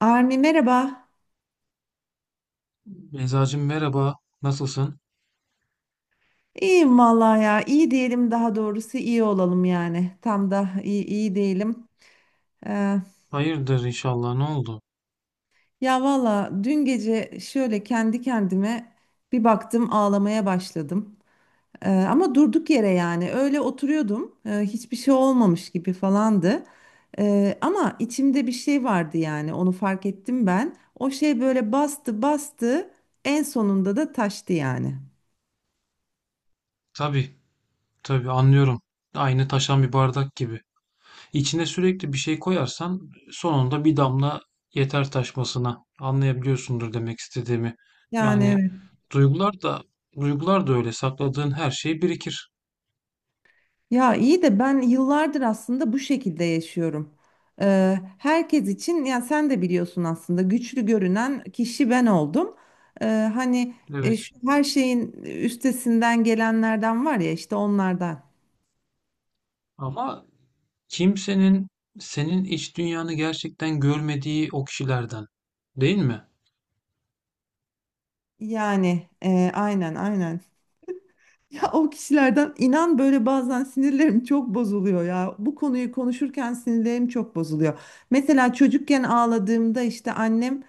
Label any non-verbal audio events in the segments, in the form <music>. Armi merhaba. Beyzacığım merhaba, nasılsın? İyiyim vallahi ya. İyi diyelim, daha doğrusu iyi olalım yani. Tam da iyi, iyi diyelim. Ee, Hayırdır inşallah, ne oldu? ya valla dün gece şöyle kendi kendime bir baktım, ağlamaya başladım. Ama durduk yere, yani öyle oturuyordum. Hiçbir şey olmamış gibi falandı. Ama içimde bir şey vardı, yani onu fark ettim ben. O şey böyle bastı bastı, en sonunda da taştı yani. Tabii, tabii anlıyorum. Aynı taşan bir bardak gibi. İçine sürekli bir şey koyarsan sonunda bir damla yeter taşmasına. Anlayabiliyorsundur demek istediğimi. Yani Yani duygular da duygular da öyle sakladığın her şey birikir. ya iyi de ben yıllardır aslında bu şekilde yaşıyorum. Herkes için, ya sen de biliyorsun, aslında güçlü görünen kişi ben oldum. Ee, hani Evet. şu her şeyin üstesinden gelenlerden var ya, işte onlardan. Ama kimsenin senin iç dünyanı gerçekten görmediği o kişilerden, değil mi? Yani aynen aynen. Ya o kişilerden, inan, böyle bazen sinirlerim çok bozuluyor ya. Bu konuyu konuşurken sinirlerim çok bozuluyor. Mesela çocukken ağladığımda işte annem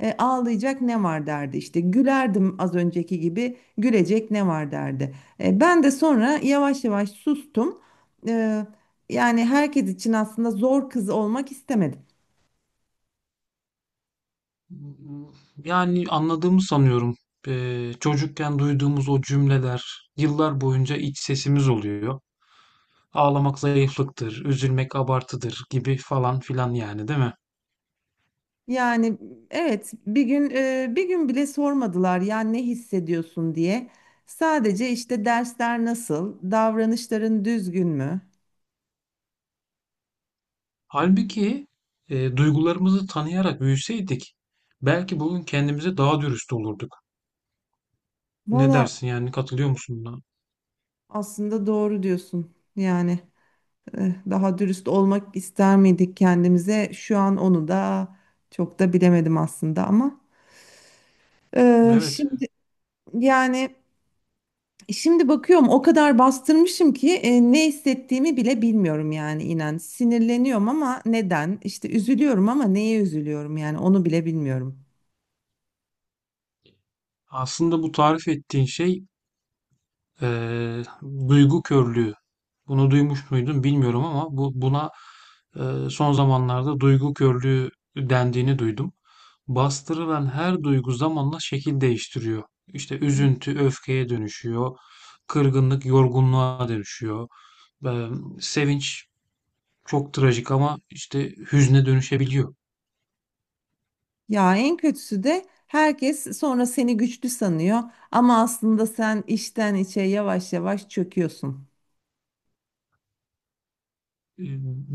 ağlayacak ne var derdi. İşte gülerdim, az önceki gibi, gülecek ne var derdi. Ben de sonra yavaş yavaş sustum. E, yani herkes için aslında zor kız olmak istemedim. Yani anladığımı sanıyorum. Çocukken duyduğumuz o cümleler yıllar boyunca iç sesimiz oluyor. Ağlamak zayıflıktır, üzülmek abartıdır gibi falan filan yani değil mi? Yani evet, bir gün bir gün bile sormadılar yani ne hissediyorsun diye. Sadece işte dersler nasıl, davranışların düzgün mü? Halbuki duygularımızı tanıyarak büyüseydik belki bugün kendimize daha dürüst olurduk. Ne Valla dersin yani katılıyor musun buna? aslında doğru diyorsun. Yani daha dürüst olmak ister miydik kendimize? Şu an onu da çok da bilemedim aslında ama Evet. şimdi yani. Şimdi bakıyorum o kadar bastırmışım ki ne hissettiğimi bile bilmiyorum yani, inan. Sinirleniyorum ama neden? İşte üzülüyorum ama neye üzülüyorum, yani onu bile bilmiyorum. Aslında bu tarif ettiğin şey e, duygu körlüğü. Bunu duymuş muydun bilmiyorum ama bu buna son zamanlarda duygu körlüğü dendiğini duydum. Bastırılan her duygu zamanla şekil değiştiriyor. İşte üzüntü öfkeye dönüşüyor, kırgınlık yorgunluğa dönüşüyor, e, sevinç çok trajik ama işte hüzne dönüşebiliyor. Ya en kötüsü de herkes sonra seni güçlü sanıyor ama aslında sen içten içe yavaş yavaş çöküyorsun. E,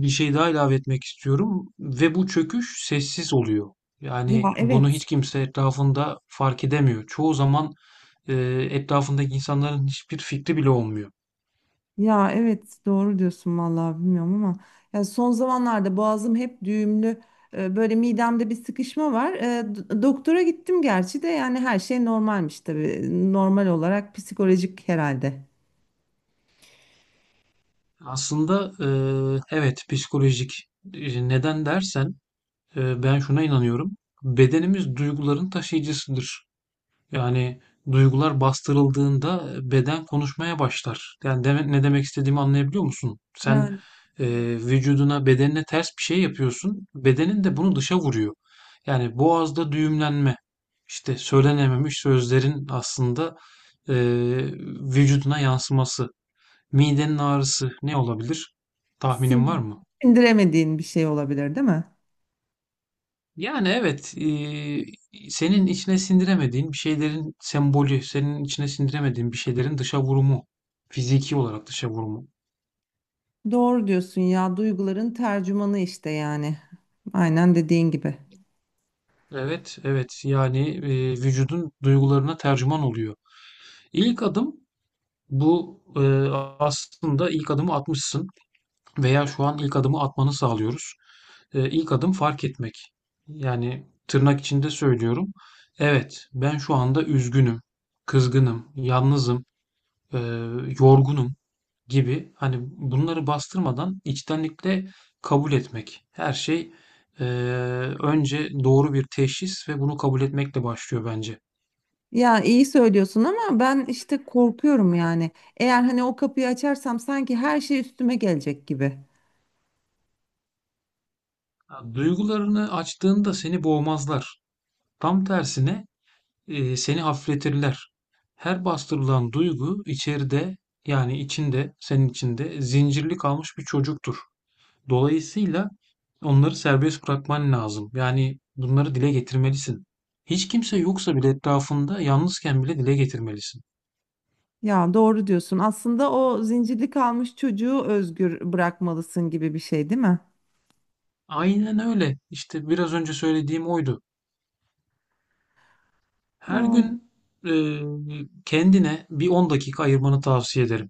Bir şey daha ilave etmek istiyorum ve bu çöküş sessiz oluyor. Ya Yani bunu evet. hiç kimse etrafında fark edemiyor. Çoğu zaman e, etrafındaki insanların hiçbir fikri bile olmuyor. Ya evet, doğru diyorsun vallahi, bilmiyorum ama ya son zamanlarda boğazım hep düğümlü, böyle midemde bir sıkışma var. Doktora gittim gerçi de yani her şey normalmiş tabii. Normal olarak psikolojik herhalde. Aslında evet psikolojik. Neden dersen ben şuna inanıyorum. Bedenimiz duyguların taşıyıcısıdır. Yani duygular bastırıldığında beden konuşmaya başlar. Yani ne demek istediğimi anlayabiliyor musun? Sen Yani e, evet. vücuduna, bedenine ters bir şey yapıyorsun. Bedenin de bunu dışa vuruyor. Yani boğazda düğümlenme, işte söylenememiş sözlerin aslında e, vücuduna yansıması. Midenin ağrısı ne olabilir? Tahminin var Sin- mı? Sindiremediğin bir şey olabilir değil mi? Yani evet, senin içine sindiremediğin bir şeylerin sembolü, senin içine sindiremediğin bir şeylerin dışa vurumu, fiziki olarak dışa vurumu. Doğru diyorsun ya, duyguların tercümanı işte yani. Aynen dediğin gibi. Evet, evet. Yani vücudun duygularına tercüman oluyor. İlk adım bu, aslında ilk adımı atmışsın veya şu an ilk adımı atmanı sağlıyoruz. İlk adım fark etmek. Yani tırnak içinde söylüyorum. Evet, ben şu anda üzgünüm, kızgınım, yalnızım, eee, yorgunum gibi. Hani bunları bastırmadan içtenlikle kabul etmek. Her şey eee, önce doğru bir teşhis ve bunu kabul etmekle başlıyor bence. Ya iyi söylüyorsun ama ben işte korkuyorum yani. Eğer hani o kapıyı açarsam sanki her şey üstüme gelecek gibi. Ya, duygularını açtığında seni boğmazlar. Tam tersine seni hafifletirler. Her bastırılan duygu içeride, yani içinde, senin içinde zincirli kalmış bir çocuktur. Dolayısıyla onları serbest bırakman lazım. Yani bunları dile getirmelisin. Hiç kimse yoksa bile, etrafında yalnızken bile dile getirmelisin. Ya doğru diyorsun. Aslında o zincirli kalmış çocuğu özgür bırakmalısın gibi bir şey değil mi? Aynen öyle. İşte biraz önce söylediğim oydu. Her Aa, gün e, kendine bir 10 dakika ayırmanı tavsiye ederim.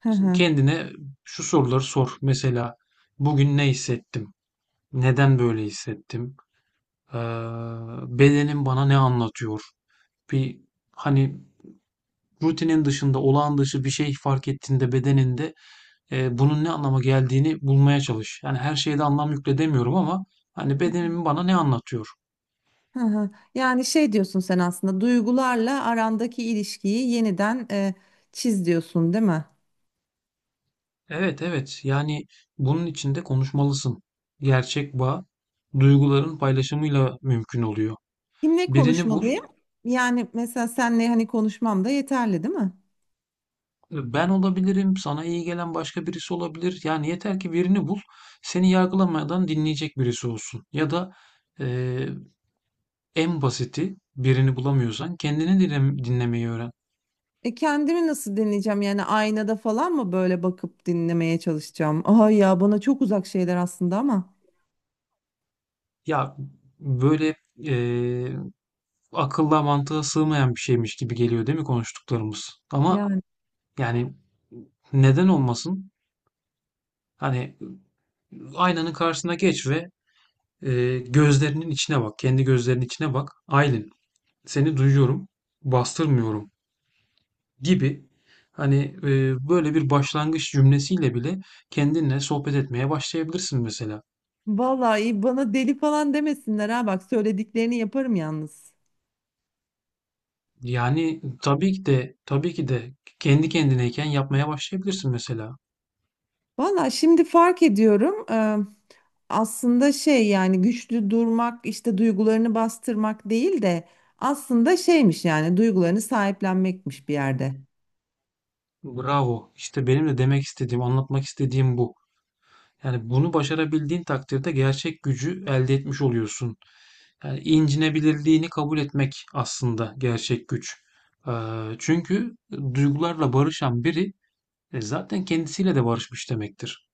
hı hı. Kendine şu soruları sor. Mesela bugün ne hissettim? Neden böyle hissettim? Ee, Bedenim bana ne anlatıyor? Bir, hani, rutinin dışında, olağan dışı bir şey fark ettiğinde bedeninde, bunun ne anlama geldiğini bulmaya çalış. Yani her şeye de anlam yükledemiyorum ama hani bedenim bana ne anlatıyor? Hı hı. Yani şey diyorsun sen, aslında duygularla arandaki ilişkiyi yeniden çiz diyorsun değil mi? Evet, evet. Yani bunun için de konuşmalısın. Gerçek bağ duyguların paylaşımıyla mümkün oluyor. Kimle Birini bul. konuşmalıyım? Yani mesela senle hani konuşmam da yeterli değil mi? Ben olabilirim, sana iyi gelen başka birisi olabilir. Yani yeter ki birini bul, seni yargılamadan dinleyecek birisi olsun. Ya da eee, en basiti, birini bulamıyorsan kendini dinlemeyi öğren. E kendimi nasıl dinleyeceğim? Yani aynada falan mı böyle bakıp dinlemeye çalışacağım? Ay ya, bana çok uzak şeyler aslında ama. Ya, böyle akılla mantığa sığmayan bir şeymiş gibi geliyor değil mi konuştuklarımız? Ama Yani yani neden olmasın? Hani aynanın karşısına geç ve gözlerinin içine bak, kendi gözlerinin içine bak. "Aylin, seni duyuyorum, bastırmıyorum" gibi, hani, böyle bir başlangıç cümlesiyle bile kendinle sohbet etmeye başlayabilirsin mesela. vallahi bana deli falan demesinler ha, bak söylediklerini yaparım yalnız. Yani tabii ki de kendi kendineyken yapmaya başlayabilirsin mesela. Vallahi şimdi fark ediyorum. Aslında şey, yani güçlü durmak işte duygularını bastırmak değil de, aslında şeymiş yani, duygularını sahiplenmekmiş bir yerde. Bravo. İşte benim de demek istediğim, anlatmak istediğim bu. Yani bunu başarabildiğin takdirde gerçek gücü elde etmiş oluyorsun. Yani incinebilirliğini kabul etmek aslında gerçek güç. Ee, Çünkü duygularla barışan biri zaten kendisiyle de barışmış demektir.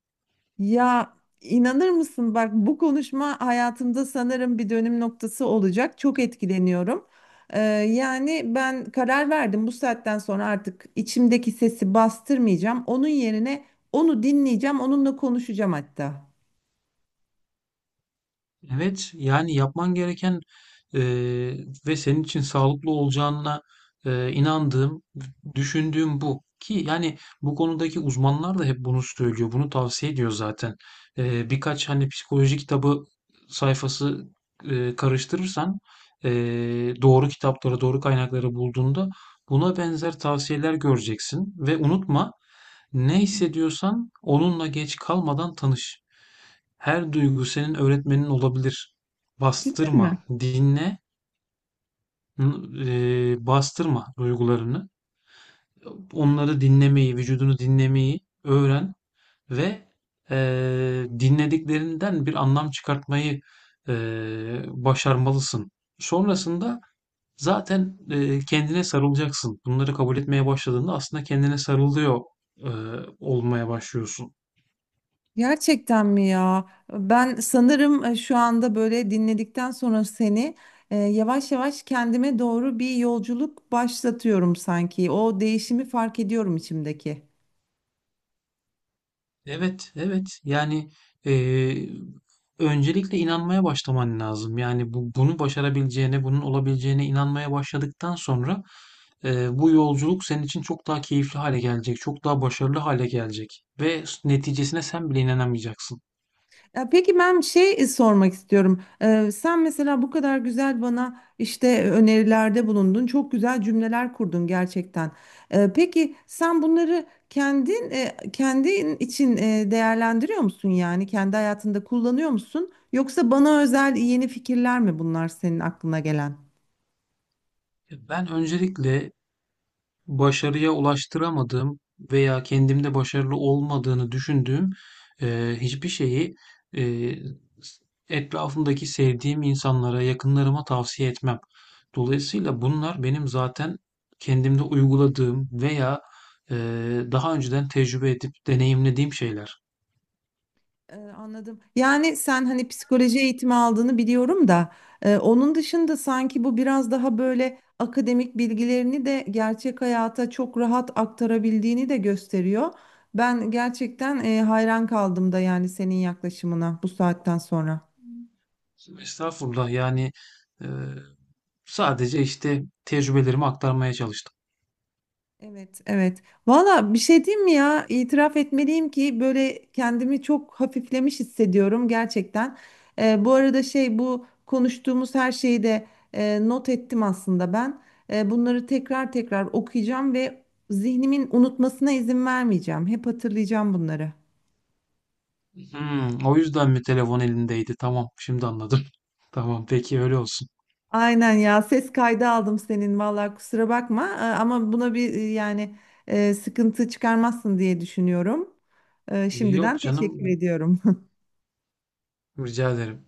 Ya inanır mısın, bak, bu konuşma hayatımda sanırım bir dönüm noktası olacak. Çok etkileniyorum. Yani ben karar verdim, bu saatten sonra artık içimdeki sesi bastırmayacağım. Onun yerine onu dinleyeceğim, onunla konuşacağım hatta. Evet, yani yapman gereken e, ve senin için sağlıklı olacağına inandığım, düşündüğüm bu. Ki yani bu konudaki uzmanlar da hep bunu söylüyor, bunu tavsiye ediyor zaten. Birkaç hani psikoloji kitabı sayfası karıştırırsan, e, doğru kitapları, doğru kaynakları bulduğunda buna benzer tavsiyeler göreceksin. Ve unutma, ne hissediyorsan onunla geç kalmadan tanış. Her duygu senin öğretmenin olabilir. Değil mi? Bastırma, dinle, bastırma duygularını. Onları dinlemeyi, vücudunu dinlemeyi öğren ve dinlediklerinden bir anlam çıkartmayı başarmalısın. Sonrasında zaten kendine sarılacaksın. Bunları kabul etmeye başladığında aslında kendine sarılıyor eee, olmaya başlıyorsun. Gerçekten mi ya? Ben sanırım şu anda böyle dinledikten sonra seni yavaş yavaş kendime doğru bir yolculuk başlatıyorum sanki. O değişimi fark ediyorum içimdeki. Evet, evet. Yani eee, öncelikle inanmaya başlaman lazım. Yani bunu başarabileceğine, bunun olabileceğine inanmaya başladıktan sonra bu yolculuk senin için çok daha keyifli hale gelecek, çok daha başarılı hale gelecek ve neticesine sen bile inanamayacaksın. Ya peki ben şey sormak istiyorum. Sen mesela bu kadar güzel bana işte önerilerde bulundun. Çok güzel cümleler kurdun gerçekten. Peki sen bunları kendin kendin için değerlendiriyor musun yani? Kendi hayatında kullanıyor musun? Yoksa bana özel yeni fikirler mi bunlar senin aklına gelen? Ben öncelikle başarıya ulaştıramadığım veya kendimde başarılı olmadığını düşündüğüm hiçbir şeyi eee, etrafımdaki sevdiğim insanlara, yakınlarıma tavsiye etmem. Dolayısıyla bunlar benim zaten kendimde uyguladığım veya daha önceden tecrübe edip deneyimlediğim şeyler. Anladım. Yani sen hani psikoloji eğitimi aldığını biliyorum da onun dışında sanki bu biraz daha böyle akademik bilgilerini de gerçek hayata çok rahat aktarabildiğini de gösteriyor. Ben gerçekten hayran kaldım da yani senin yaklaşımına, bu saatten sonra. Estağfurullah, yani eee, sadece işte tecrübelerimi aktarmaya çalıştım. Evet, evet. Valla bir şey diyeyim mi ya? İtiraf etmeliyim ki böyle kendimi çok hafiflemiş hissediyorum gerçekten. Bu arada şey, bu konuştuğumuz her şeyi de not ettim aslında ben. Bunları tekrar tekrar okuyacağım ve zihnimin unutmasına izin vermeyeceğim. Hep hatırlayacağım bunları. Hmm, o yüzden mi telefon elindeydi? Tamam, şimdi anladım. <laughs> Tamam, peki öyle olsun. Aynen ya, ses kaydı aldım senin, valla kusura bakma. Ama buna bir sıkıntı çıkarmazsın diye düşünüyorum. Şimdiden Yok teşekkür canım, ediyorum. rica ederim.